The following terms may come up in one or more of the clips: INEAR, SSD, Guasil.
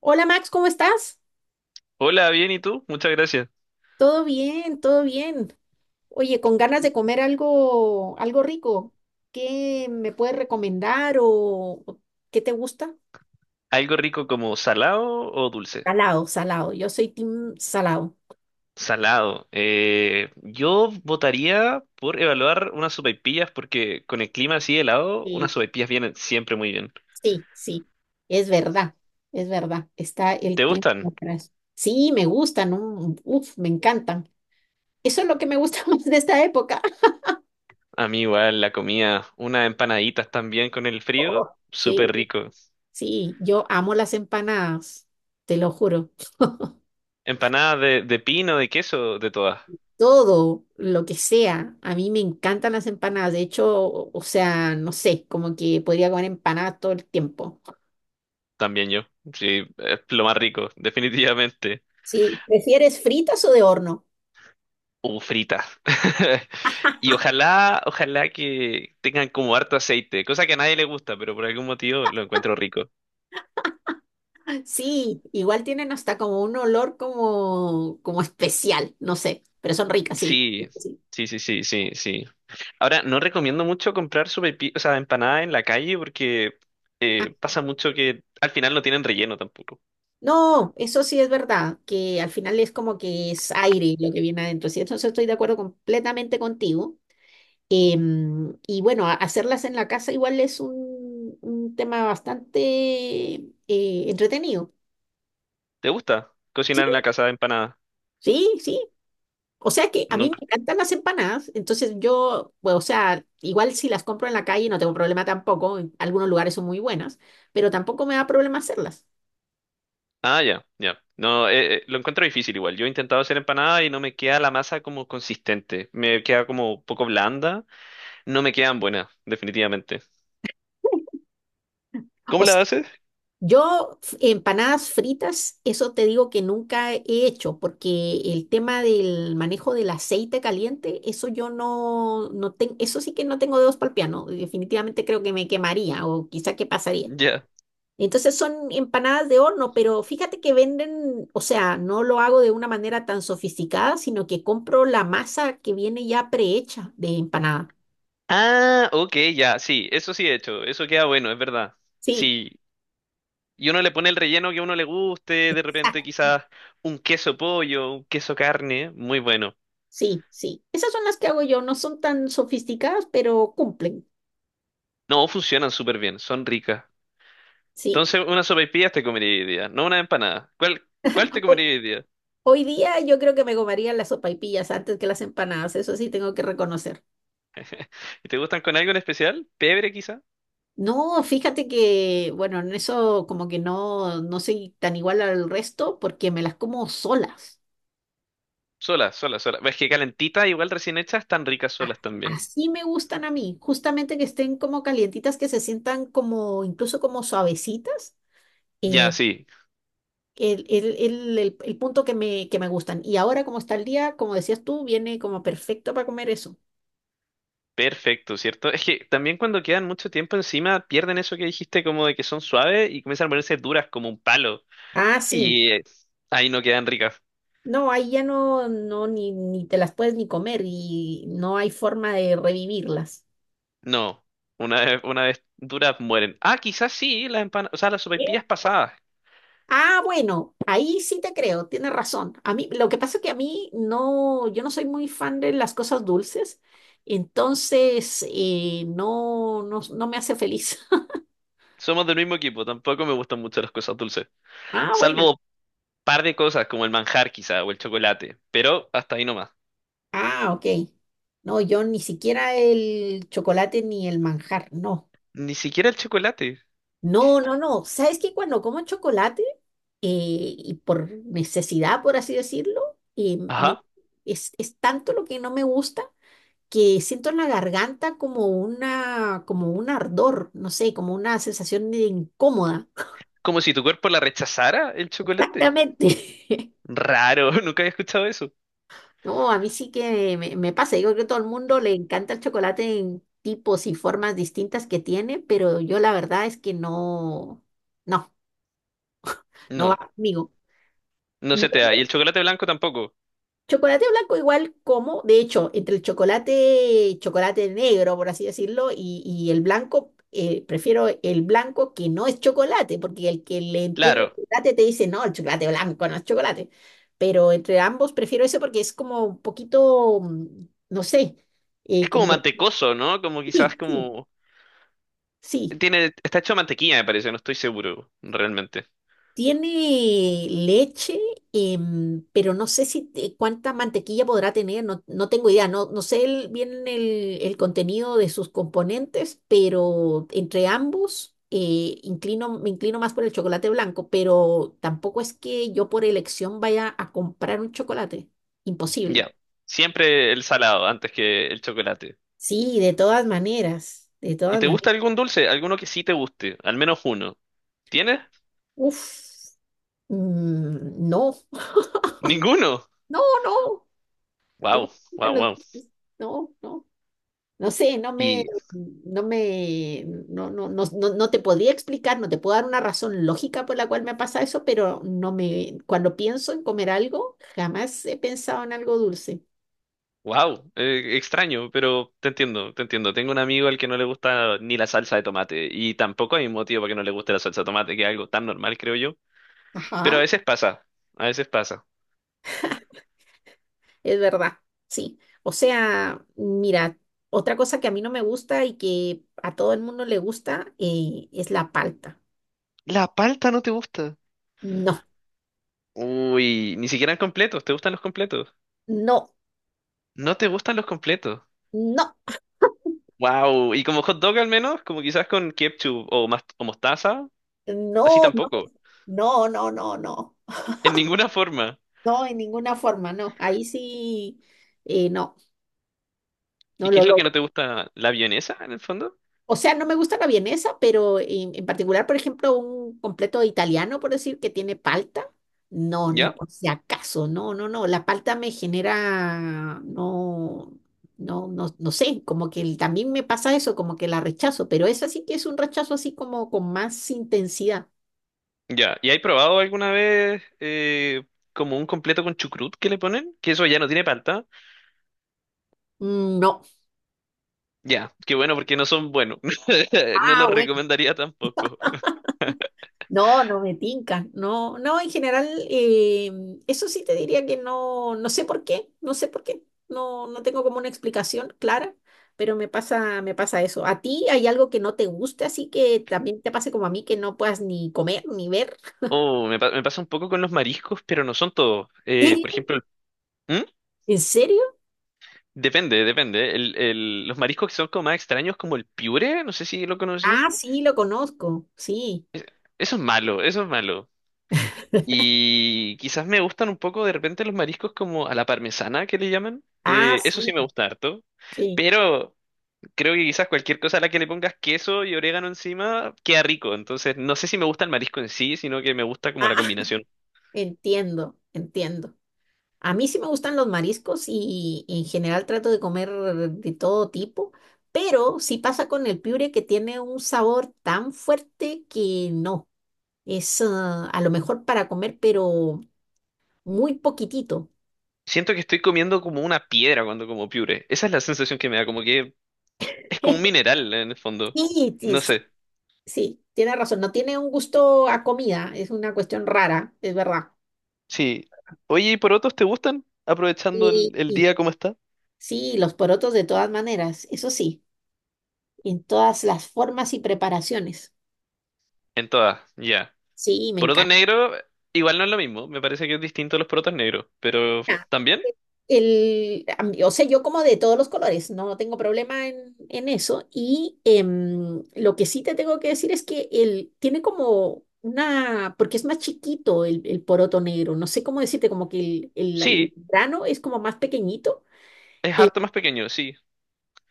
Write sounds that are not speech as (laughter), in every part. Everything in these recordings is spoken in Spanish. Hola Max, ¿cómo estás? Hola, bien, ¿y tú? Muchas gracias. Todo bien, todo bien. Oye, con ganas de comer algo, algo rico. ¿Qué me puedes recomendar o qué te gusta? ¿Algo rico como salado o dulce? Salado, salado. Yo soy team salado. Salado. Yo votaría por evaluar unas sopaipillas porque con el clima así helado, unas Sí, sopaipillas vienen siempre muy bien. sí, sí. Es verdad, es verdad. Está el ¿Te clima (laughs) gustan? atrás. Sí, me gustan, ¿no? Uf, me encantan. Eso es lo que me gusta (laughs) más de esta época. A mí igual la comida, unas empanaditas también con el Oh, frío, sí, súper rico. sí. Yo amo las empanadas, te lo juro. Empanadas de pino, de queso, de todas. Todo, lo que sea. A mí me encantan las empanadas. De hecho, o sea, no sé, como que podría comer empanadas todo el tiempo. También yo. Sí, es lo más rico, (laughs) definitivamente. Sí, ¿prefieres fritas o de horno? O fritas. (laughs) Y ojalá que tengan como harto aceite, cosa que a nadie le gusta, pero por algún motivo lo encuentro rico. Sí, igual tienen hasta como un olor como, como especial, no sé, pero son ricas, sí. Sí, Sí. sí, sí, sí, sí, sí. Ahora, no recomiendo mucho comprar sopaipillas, o sea, empanadas en la calle porque Ah, pasa mucho que al final no tienen relleno tampoco. no, eso sí es verdad, que al final es como que es aire lo que viene adentro. Sí, entonces estoy de acuerdo completamente contigo. Y bueno, hacerlas en la casa igual es un tema bastante entretenido. ¿Te gusta Sí, cocinar en la casa de empanadas? sí, sí. O sea que a mí me Nunca. encantan las empanadas, entonces yo, bueno, o sea, igual si las compro en la calle no tengo problema tampoco, en algunos lugares son muy buenas, pero tampoco me da problema hacerlas. Ah, ya, ya. No, lo encuentro difícil igual. Yo he intentado hacer empanada y no me queda la masa como consistente. Me queda como un poco blanda. No me quedan buenas, definitivamente. ¿Cómo O sea, la haces? Empanadas fritas, eso te digo que nunca he hecho, porque el tema del manejo del aceite caliente, eso yo no, no tengo, eso sí que no tengo dedos para el piano, definitivamente creo que me quemaría o quizá que pasaría. Ya. Entonces son empanadas de horno, pero fíjate que venden, o sea, no lo hago de una manera tan sofisticada, sino que compro la masa que viene ya prehecha de empanada. Ah, ok, ya, sí, eso sí he hecho, eso queda bueno, es verdad. Sí, Sí, y uno le pone el relleno que a uno le guste, de repente exacto, quizás un queso pollo, un queso carne, muy bueno. sí, sí. Esas son las que hago yo, no son tan sofisticadas, pero cumplen. No, funcionan súper bien, son ricas. Sí. Entonces, una sopaipillas te comería hoy día, no una empanada. ¿Cuál te comería Ho- hoy día? Hoy día yo creo que me comería las sopaipillas antes que las empanadas, eso sí tengo que reconocer. ¿Y te gustan con algo en especial? ¿Pebre quizá? No, fíjate que, bueno, en eso como que no, no soy tan igual al resto porque me las como solas. Sola, sola, sola. Es que calentita, igual recién hecha, están ricas A- solas también. Así me gustan a mí, justamente que estén como calientitas, que se sientan como, incluso como suavecitas. Ya, eh, sí. el punto que me gustan. Y ahora como está el día, como decías tú, viene como perfecto para comer eso. Perfecto, ¿cierto? Es que también cuando quedan mucho tiempo encima pierden eso que dijiste como de que son suaves y comienzan a ponerse duras como un palo. Ah, sí. Y ahí no quedan ricas. No, ahí ya no, no, ni, ni te las puedes ni comer y no hay forma de revivirlas. No, una vez duras mueren. Ah, quizás sí, las empanadas, o sea, las ¿Sí? sopaipillas pasadas. Ah, bueno, ahí sí te creo, tienes razón. A mí, lo que pasa es que a mí no, yo no soy muy fan de las cosas dulces, entonces no, no, no me hace feliz. (laughs) Somos del mismo equipo, tampoco me gustan mucho las cosas dulces. Ah, bueno. Salvo un par de cosas como el manjar quizá o el chocolate, pero hasta ahí nomás. Ah, ok. No, yo ni siquiera el chocolate ni el manjar, no. Ni siquiera el chocolate. No, no, no. ¿Sabes que cuando como chocolate y por necesidad, por así decirlo, Ajá. Es tanto lo que no me gusta que siento en la garganta como una, como un ardor, no sé, como una sensación de incómoda. Como si tu cuerpo la rechazara el chocolate. Exactamente. (laughs) Raro, (laughs) nunca había escuchado eso. No, a mí sí que me pasa. Yo creo que a todo el mundo le encanta el chocolate en tipos y formas distintas que tiene, pero yo la verdad es que no, no, no va No. conmigo. No se te da. Y el chocolate blanco tampoco. Chocolate blanco igual como, de hecho, entre el chocolate, chocolate negro, por así decirlo, y el blanco, prefiero el blanco que no es chocolate, porque el que le entiende el Claro. chocolate te dice, no, el chocolate blanco no es chocolate. Pero entre ambos prefiero eso porque es como un poquito, mm, no sé, Es como... como mantecoso, ¿no? Como quizás Sí, sí, como... sí. Tiene... Está hecho de mantequilla, me parece. No estoy seguro, realmente. Tiene leche, pero no sé si te- cuánta mantequilla podrá tener, no, no tengo idea, no, no sé bien el contenido de sus componentes, pero entre ambos inclino, me inclino más por el chocolate blanco, pero tampoco es que yo por elección vaya a comprar un chocolate, imposible. Ya. Siempre el salado antes que el chocolate. Sí, de todas maneras, de ¿Y todas te maneras. gusta algún dulce? Alguno que sí te guste. Al menos uno. ¿Tienes? Uf, no, Ninguno. no, no, no, me Wow, gustan wow, los wow. dulces, no, no. No sé, Y no, no, no, no, no te podría explicar, no te puedo dar una razón lógica por la cual me pasa eso, pero no me, cuando pienso en comer algo, jamás he pensado en algo dulce. wow, extraño, pero te entiendo, te entiendo. Tengo un amigo al que no le gusta ni la salsa de tomate y tampoco hay un motivo para que no le guste la salsa de tomate, que es algo tan normal, creo yo. Pero a Ajá, veces pasa, a veces pasa. es verdad, sí. O sea, mira, otra cosa que a mí no me gusta y que a todo el mundo le gusta es la palta. La palta no te gusta. No, Uy, ni siquiera completos, ¿te gustan los completos? no, No te gustan los completos. no, Wow, y como hot dog al menos, como quizás con ketchup o, mas- o mostaza, así no, no, tampoco, no, no, no, no, en ninguna forma. no, en ninguna forma, no. Ahí sí, no, no ¿Y qué lo es lo que logro. no te gusta? ¿La vienesa en el fondo? O sea, no me gusta la vienesa, pero en particular, por ejemplo, un completo italiano, por decir, que tiene palta. No, ni ¿Ya? por si acaso, no, no, no. La palta me genera, no, no, no, no sé, como que también me pasa eso, como que la rechazo, pero esa sí que es un rechazo así como con más intensidad. Ya. ¿Y hay probado alguna vez como un completo con chucrut que le ponen? Que eso ya no tiene palta. Mm, no. Ya, qué bueno porque no son buenos. (laughs) No Ah, los bueno. recomendaría tampoco. No, no me tinca, no, no, en general, eso sí te diría que no, no sé por qué, no sé por qué, no, no tengo como una explicación clara, pero me pasa eso. ¿A ti hay algo que no te guste, así que también te pase como a mí, que no puedas ni comer ni ver? Oh, me, pa- me pasa un poco con los mariscos, pero no son todos. ¿Serio? Por ejemplo, ¿Mm? ¿En serio? Depende, depende. Los mariscos que son como más extraños, como el piure, no sé si lo Ah, conocí. sí, lo conozco, sí. Eso es malo, eso es malo. Y quizás me gustan un poco de repente los mariscos como a la parmesana que le llaman. Ah, Eso sí, sí me gusta harto. sí. Pero creo que quizás cualquier cosa a la que le pongas queso y orégano encima queda rico. Entonces no sé si me gusta el marisco en sí, sino que me gusta como Ah, la combinación. (laughs) entiendo, entiendo. A mí sí me gustan los mariscos y en general trato de comer de todo tipo, pero sí pasa con el piure que tiene un sabor tan fuerte que no, es ah, a lo mejor para comer, pero muy poquitito. Siento que estoy comiendo como una piedra cuando como piure. Esa es la sensación que me da, como que es como un (laughs) mineral en el fondo. Sí, sí, No sí, sé. sí, tiene razón, no tiene un gusto a comida, es una cuestión rara, es verdad. Sí. Oye, ¿y porotos te gustan? Aprovechando Y, el y día como está. sí, los porotos de todas maneras, eso sí, en todas las formas y preparaciones. En todas, ya. Sí, me Poroto encanta. negro, igual no es lo mismo. Me parece que es distinto a los porotos negros. Pero Ah, también, a o sea, yo como de todos los colores, no tengo problema en eso. Y lo que sí te tengo que decir es que él tiene como una, porque es más chiquito el poroto negro, no sé cómo decirte, como que el sí. grano es como más pequeñito. Es eh, harto más pequeño, sí.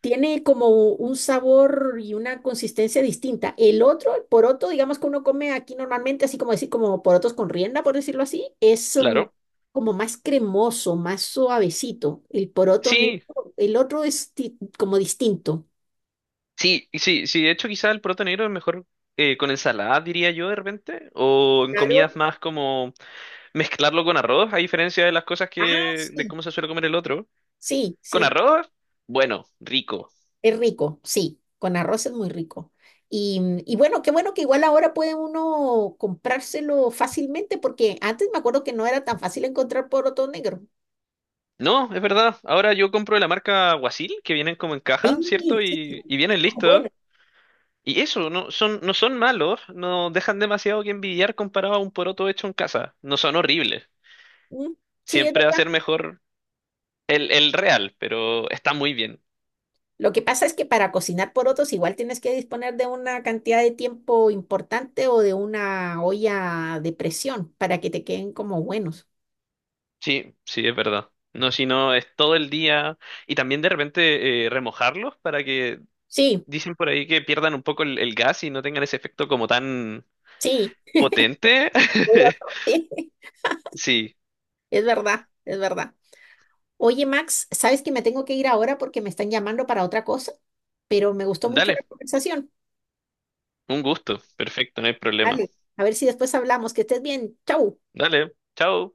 tiene como un sabor y una consistencia distinta. El otro, el poroto, digamos que uno come aquí normalmente, así como decir, como porotos con rienda, por decirlo así, es mm, Claro. como más cremoso, más suavecito. El poroto negro, Sí, el otro es como distinto. sí, y sí, sí. De hecho, quizá el poroto negro es mejor con ensalada, diría yo, de repente. O en comidas Claro. más como mezclarlo con arroz, a diferencia de las cosas Ah, que, de sí. cómo se suele comer el otro. Sí, Con sí, arroz, bueno, rico. es rico, sí, con arroz es muy rico. Mm, y bueno, qué bueno que igual ahora puede uno comprárselo fácilmente, porque antes me acuerdo que no era tan fácil encontrar poroto negro. No, es verdad. Ahora yo compro de la marca Guasil, que vienen como en caja, Sí, ¿cierto? sí, Y vienen listos. bueno, Y eso, no son, no son malos, no dejan demasiado que envidiar comparado a un poroto hecho en casa. No son horribles. mm, sí, es Siempre va a verdad. ser mejor el real, pero está muy bien. Lo que pasa es que para cocinar porotos igual tienes que disponer de una cantidad de tiempo importante o de una olla de presión para que te queden como buenos. Sí, sí, es verdad. No, si no, es todo el día. Y también de repente remojarlos para que, Sí, dicen por ahí que pierdan un poco el gas y no tengan ese efecto como tan sí, potente. (laughs) poroto, (laughs) sí, Sí, es verdad, es verdad. Oye, Max, sabes que me tengo que ir ahora porque me están llamando para otra cosa, pero me gustó mucho la dale. conversación. Un gusto, perfecto, no hay problema. Dale, a ver si después hablamos. Que estés bien. Chau. Dale, chao.